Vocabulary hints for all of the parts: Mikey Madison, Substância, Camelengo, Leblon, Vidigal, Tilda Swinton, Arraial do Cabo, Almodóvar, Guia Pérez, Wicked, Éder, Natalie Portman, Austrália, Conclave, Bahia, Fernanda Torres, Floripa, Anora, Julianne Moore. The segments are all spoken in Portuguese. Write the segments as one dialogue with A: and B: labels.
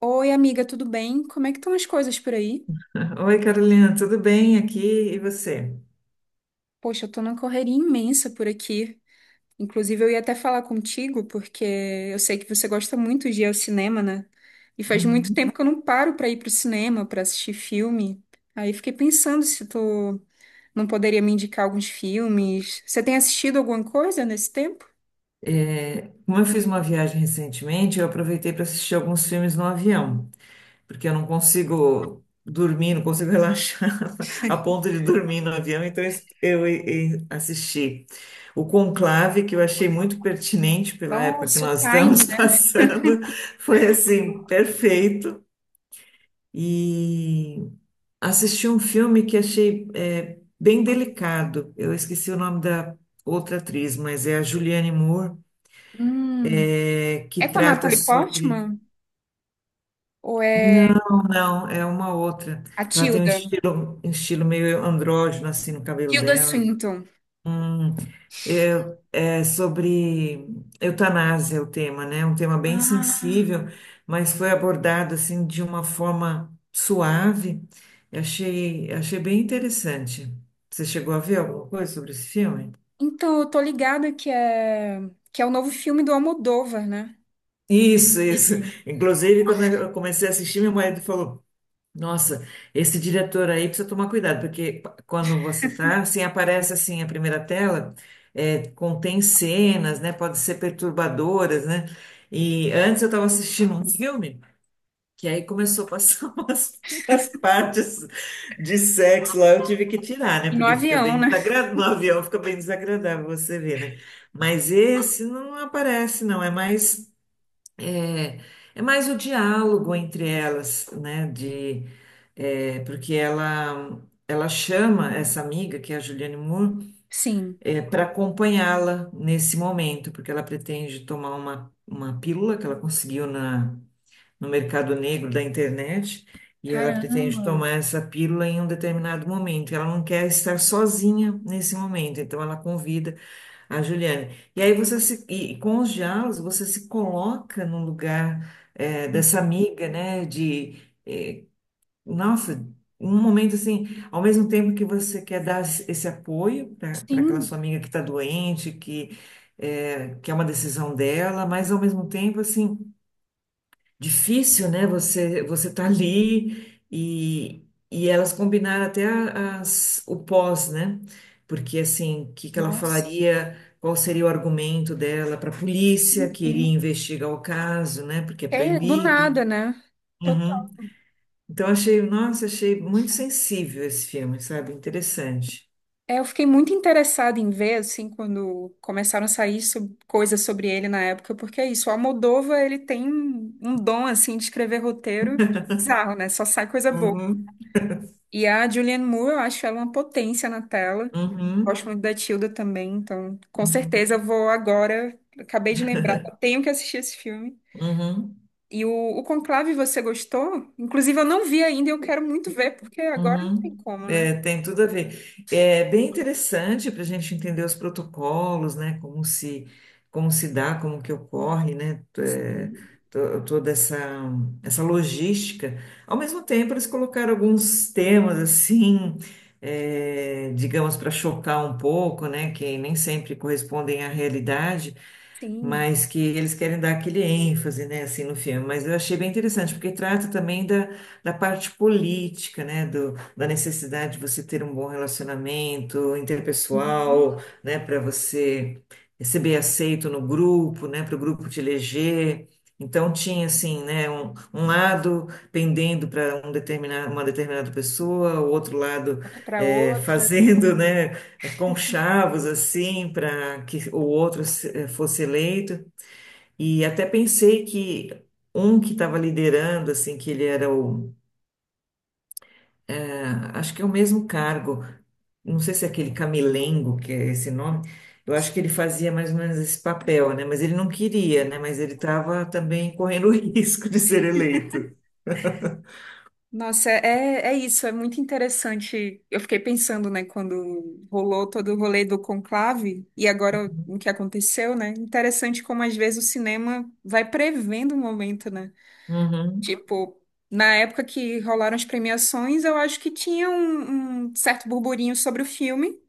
A: Oi, amiga, tudo bem? Como é que estão as coisas por aí?
B: Oi, Carolina, tudo bem aqui? E você?
A: Poxa, eu tô numa correria imensa por aqui. Inclusive, eu ia até falar contigo, porque eu sei que você gosta muito de ir ao cinema, né? E faz muito
B: Uhum.
A: tempo que eu não paro pra ir pro cinema, pra assistir filme. Aí fiquei pensando se tu não poderia me indicar alguns filmes. Você tem assistido alguma coisa nesse tempo?
B: Como eu fiz uma viagem recentemente, eu aproveitei para assistir alguns filmes no avião, porque eu não consigo dormir, não consigo relaxar a ponto de dormir no avião, então e assisti o Conclave, que eu achei muito pertinente pela época que
A: Nossa, o
B: nós estamos
A: Tiny, né?
B: passando, foi assim, perfeito. E assisti um filme que achei bem delicado. Eu esqueci o nome da outra atriz, mas é a Julianne Moore,
A: Hum.
B: que
A: É com a
B: trata
A: Natalie
B: sobre.
A: Portman? Ou é
B: Não, não, é uma outra.
A: a
B: Ela tem
A: Tilda?
B: um estilo meio andrógeno assim no cabelo
A: Tilda
B: dela.
A: Swinton.
B: Hum. É sobre eutanásia o tema, né? Um tema bem
A: Ah.
B: sensível, mas foi abordado assim de uma forma suave. Achei bem interessante. Você chegou a ver alguma coisa sobre esse filme?
A: Então, eu tô ligada que é o novo filme do Almodóvar, né?
B: Isso, isso. Inclusive, quando eu comecei a assistir, meu marido falou: "Nossa, esse diretor aí precisa tomar cuidado", porque quando você está assim, aparece assim a primeira tela, contém cenas, né? Pode ser perturbadoras, né? E antes eu estava assistindo um filme, que aí começou a passar umas partes de sexo lá, eu tive que tirar, né?
A: E no
B: Porque fica
A: avião,
B: bem
A: né?
B: desagradável, no avião fica bem desagradável você ver, né? Mas esse não aparece, não, é mais. É, é mais o diálogo entre elas, né? Porque ela chama essa amiga, que é a Juliane Moore,
A: Sim.
B: para acompanhá-la nesse momento, porque ela pretende tomar uma pílula que ela conseguiu no mercado negro da internet, e ela pretende
A: Caramba.
B: tomar essa pílula em um determinado momento. Ela não quer estar sozinha nesse momento, então ela convida a Juliane. E aí você se, e com os diálogos você se coloca no lugar dessa amiga, né? Eh, nossa, um momento assim, ao mesmo tempo que você quer dar esse apoio para aquela
A: Sim.
B: sua amiga que está doente, que que é uma decisão dela, mas ao mesmo tempo assim difícil, né? Você tá ali e elas combinaram até o pós, né? Porque assim, o que que ela
A: Nossa.
B: falaria? Qual seria o argumento dela para a polícia
A: Sim,
B: que iria
A: sim.
B: investigar o caso, né? Porque é
A: É do
B: proibido.
A: nada, né? Total.
B: Uhum. Então achei, nossa, achei muito sensível esse filme, sabe? Interessante.
A: É, eu fiquei muito interessada em ver, assim, quando começaram a sair coisas sobre ele na época, porque é isso, o Almodóvar, ele tem um dom, assim, de escrever roteiro bizarro, né? Só sai coisa boa.
B: Uhum.
A: E a Julianne Moore, eu acho ela uma potência na tela. Gosto
B: Uhum.
A: muito da Tilda também, então com certeza
B: Uhum.
A: eu vou agora. Acabei de lembrar, eu tenho que assistir esse filme.
B: Uhum.
A: E o, o Conclave, você gostou? Inclusive, eu não vi ainda e eu quero muito ver, porque agora não tem
B: Uhum.
A: como, né?
B: É, tem tudo a ver. É bem interessante para a gente entender os protocolos, né? Como se dá, como que ocorre, né?
A: Sim.
B: Toda essa logística. Ao mesmo tempo, eles colocaram alguns temas assim, é, digamos, para chocar um pouco, né? Que nem sempre correspondem à realidade,
A: Sim.
B: mas que eles querem dar aquele ênfase, né? Assim, no filme. Mas eu achei bem interessante, porque trata também da parte política, né, da necessidade de você ter um bom relacionamento
A: Uhum.
B: interpessoal, né, para você ser bem aceito no grupo, né, para o grupo te eleger. Então tinha assim, né, um lado pendendo para um determinado, uma determinada pessoa, o outro lado
A: Outra pra outra.
B: fazendo, né, conchavos assim para que o outro fosse eleito. E até pensei que um que estava liderando, assim, que ele era o... Acho que é o mesmo cargo. Não sei se é aquele Camelengo, que é esse nome. Eu acho que ele
A: Sim.
B: fazia mais ou menos esse papel, né? Mas ele não queria, né? Mas ele estava também correndo o risco de ser eleito.
A: Nossa, é isso, é muito interessante. Eu fiquei pensando, né, quando rolou todo o rolê do conclave e agora o que aconteceu, né? Interessante como às vezes o cinema vai prevendo o momento, né?
B: Uhum,
A: Tipo, na época que rolaram as premiações, eu acho que tinha um certo burburinho sobre o filme,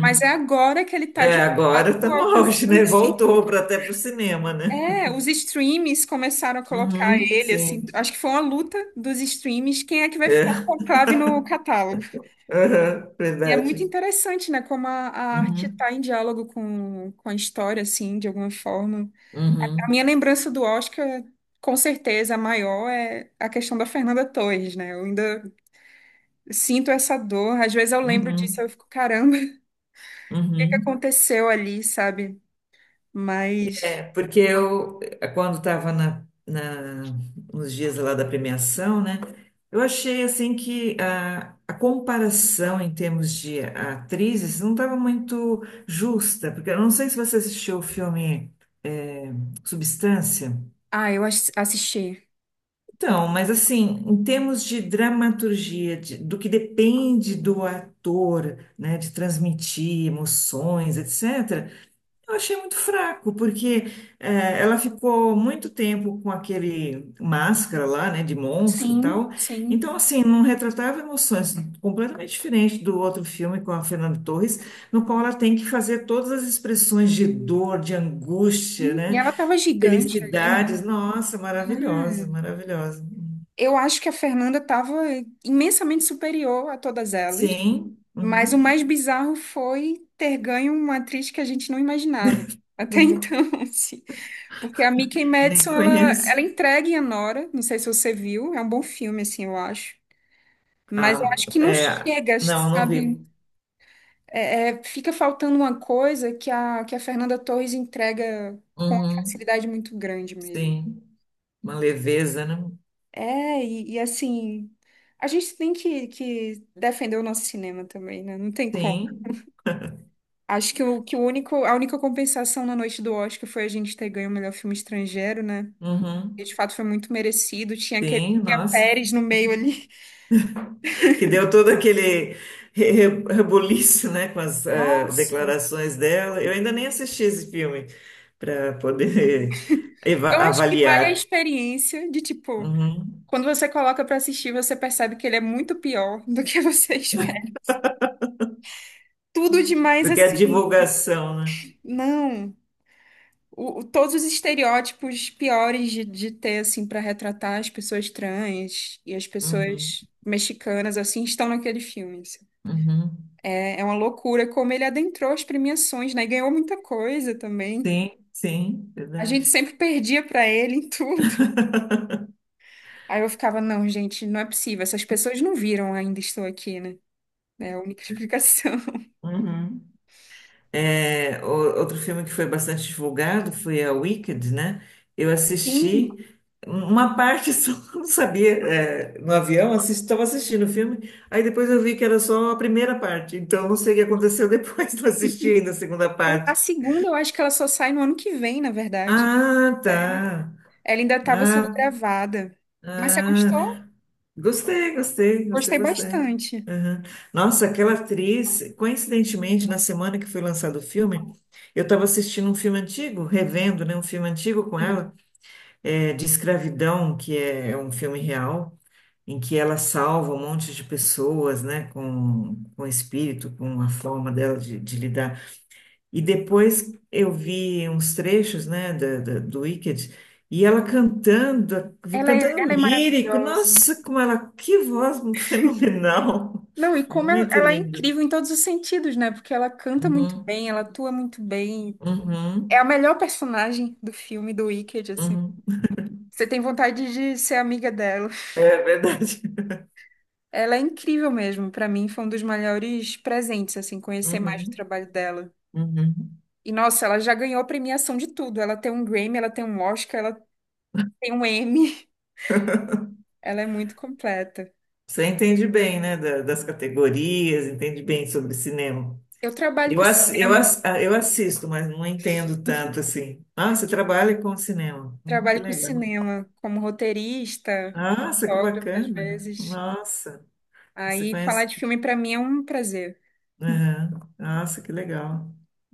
A: mas é agora que ele tá de
B: É, agora
A: fato
B: está no auge,
A: alcançando,
B: né?
A: assim.
B: Voltou para até para o cinema, né?
A: É, os streams começaram a colocar
B: Uhum,
A: ele, assim.
B: sim.
A: Acho que foi uma luta dos streams, quem é que vai ficar
B: É,
A: com o conclave no catálogo?
B: aham,
A: E é muito
B: verdade.
A: interessante, né, como a arte
B: Uhum,
A: está em diálogo com a história, assim, de alguma forma. A
B: uhum,
A: minha lembrança do Oscar, com certeza, a maior é a questão da Fernanda Torres, né? Eu ainda sinto essa dor. Às vezes eu lembro disso, eu
B: uhum,
A: fico, caramba, o que que
B: uhum.
A: aconteceu ali, sabe?
B: É,
A: Mas,
B: porque quando estava nos dias lá da premiação, né, eu achei assim que a comparação em termos de atrizes não estava muito justa, porque eu não sei se você assistiu o filme é, Substância.
A: ah, eu assisti. Quando.
B: Então, mas assim, em termos de dramaturgia, do que depende do ator, né, de transmitir emoções, etc. Eu achei muito fraco, porque ela ficou muito tempo com aquele máscara lá, né, de monstro e
A: Sim,
B: tal.
A: sim.
B: Então, assim, não retratava emoções, completamente diferente do outro filme com a Fernanda Torres, no qual ela tem que fazer todas as expressões de dor, de angústia,
A: E
B: né,
A: ela tava gigante ali, né?
B: felicidades. Nossa,
A: Ah,
B: maravilhosa, maravilhosa.
A: eu acho que a Fernanda tava imensamente superior a todas elas.
B: Sim,
A: Mas o
B: uhum.
A: mais bizarro foi ter ganho uma atriz que a gente não imaginava. Até então, assim. Porque a Mikey
B: Nem
A: Madison, ela
B: conheço.
A: entrega em Anora. Não sei se você viu. É um bom filme, assim, eu acho. Mas eu
B: Ah,
A: acho que não
B: é,
A: chega,
B: não, não
A: sabe?
B: vi.
A: Fica faltando uma coisa que a Fernanda Torres entrega com uma
B: Uhum.
A: facilidade muito grande mesmo.
B: Sim, uma leveza, né?
A: É, e assim. A gente tem que defender o nosso cinema também, né? Não tem como.
B: Sim,
A: Acho que o único, a única compensação na noite do Oscar foi a gente ter ganho o melhor filme estrangeiro, né? E de
B: uhum,
A: fato foi muito merecido. Tinha aquele
B: sim,
A: Guia
B: nossa.
A: Pérez no meio ali.
B: Que deu todo aquele rebuliço, né, com as
A: Nossa!
B: declarações dela. Eu ainda nem assisti esse filme para poder
A: Eu acho que vale a
B: avaliar.
A: experiência de tipo,
B: Uhum.
A: quando você coloca pra assistir, você percebe que ele é muito pior do que você espera. Tudo
B: Do
A: demais
B: a
A: assim.
B: divulgação, né?
A: Não. Todos os estereótipos piores de ter, assim, pra retratar as pessoas trans e as
B: Uhum,
A: pessoas mexicanas, assim, estão naquele filme. Assim.
B: uhum.
A: É, é uma loucura como ele adentrou as premiações, né? E ganhou muita coisa também.
B: Sim, sim,
A: A gente
B: verdade.
A: sempre perdia pra ele em tudo. Aí eu ficava, não, gente, não é possível. Essas pessoas não viram ainda estou aqui, né? É a única explicação.
B: Uhum. É, outro filme que foi bastante divulgado foi a Wicked, né? Eu
A: Sim,
B: assisti uma parte só, não sabia, é, no avião, estava assistindo o filme, aí depois eu vi que era só a primeira parte, então não sei o que aconteceu depois, não assisti ainda a segunda
A: a
B: parte.
A: segunda eu acho que ela só sai no ano que vem, na verdade.
B: Ah, tá.
A: Ela ainda estava sendo
B: Ah,
A: gravada. Mas você
B: ah.
A: gostou?
B: Gostei, gostei, gostei
A: Gostei
B: bastante.
A: bastante.
B: Aham. Nossa, aquela atriz, coincidentemente, na semana que foi lançado o filme, eu estava assistindo um filme antigo, revendo, né, um filme antigo com
A: Sim.
B: ela, é, de escravidão, que é um filme real, em que ela salva um monte de pessoas, né, com o espírito, com a forma dela de lidar. E depois eu vi uns trechos, né, do Wicked, e ela cantando,
A: Ela
B: cantando
A: é
B: lírico.
A: maravilhosa.
B: Nossa, como ela, que voz fenomenal!
A: Não, e como
B: Muito
A: ela é
B: lindo.
A: incrível em todos os sentidos, né? Porque ela canta muito
B: Uhum,
A: bem, ela atua muito bem, é a
B: uhum,
A: melhor personagem do filme do Wicked, assim.
B: uhum.
A: Você tem vontade de ser amiga dela.
B: É verdade.
A: Ela é incrível mesmo. Pra mim, foi um dos maiores presentes, assim, conhecer mais o
B: Uhum,
A: trabalho dela.
B: uhum.
A: E, nossa, ela já ganhou premiação de tudo. Ela tem um Grammy, ela tem um Oscar, ela tem um Emmy. Ela é muito completa.
B: Você entende bem, né, das categorias, entende bem sobre cinema.
A: Eu trabalho com cinema.
B: Eu assisto, mas não entendo tanto assim. Ah, você trabalha com cinema. Que
A: Trabalho com
B: legal.
A: cinema como roteirista,
B: Nossa, que
A: fotógrafa, às
B: bacana.
A: vezes.
B: Nossa, você
A: Aí, falar
B: conhece?
A: de filme pra mim é um prazer.
B: Aham. Nossa, que legal.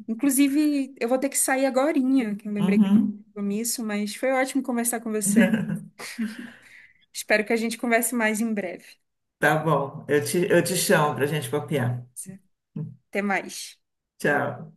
A: Inclusive, eu vou ter que sair agorinha, que eu lembrei que eu tinha
B: Uhum.
A: um compromisso, mas foi ótimo conversar com você. Espero que a gente converse mais em breve.
B: Tá bom, eu te chamo para gente copiar.
A: Até mais.
B: Tchau.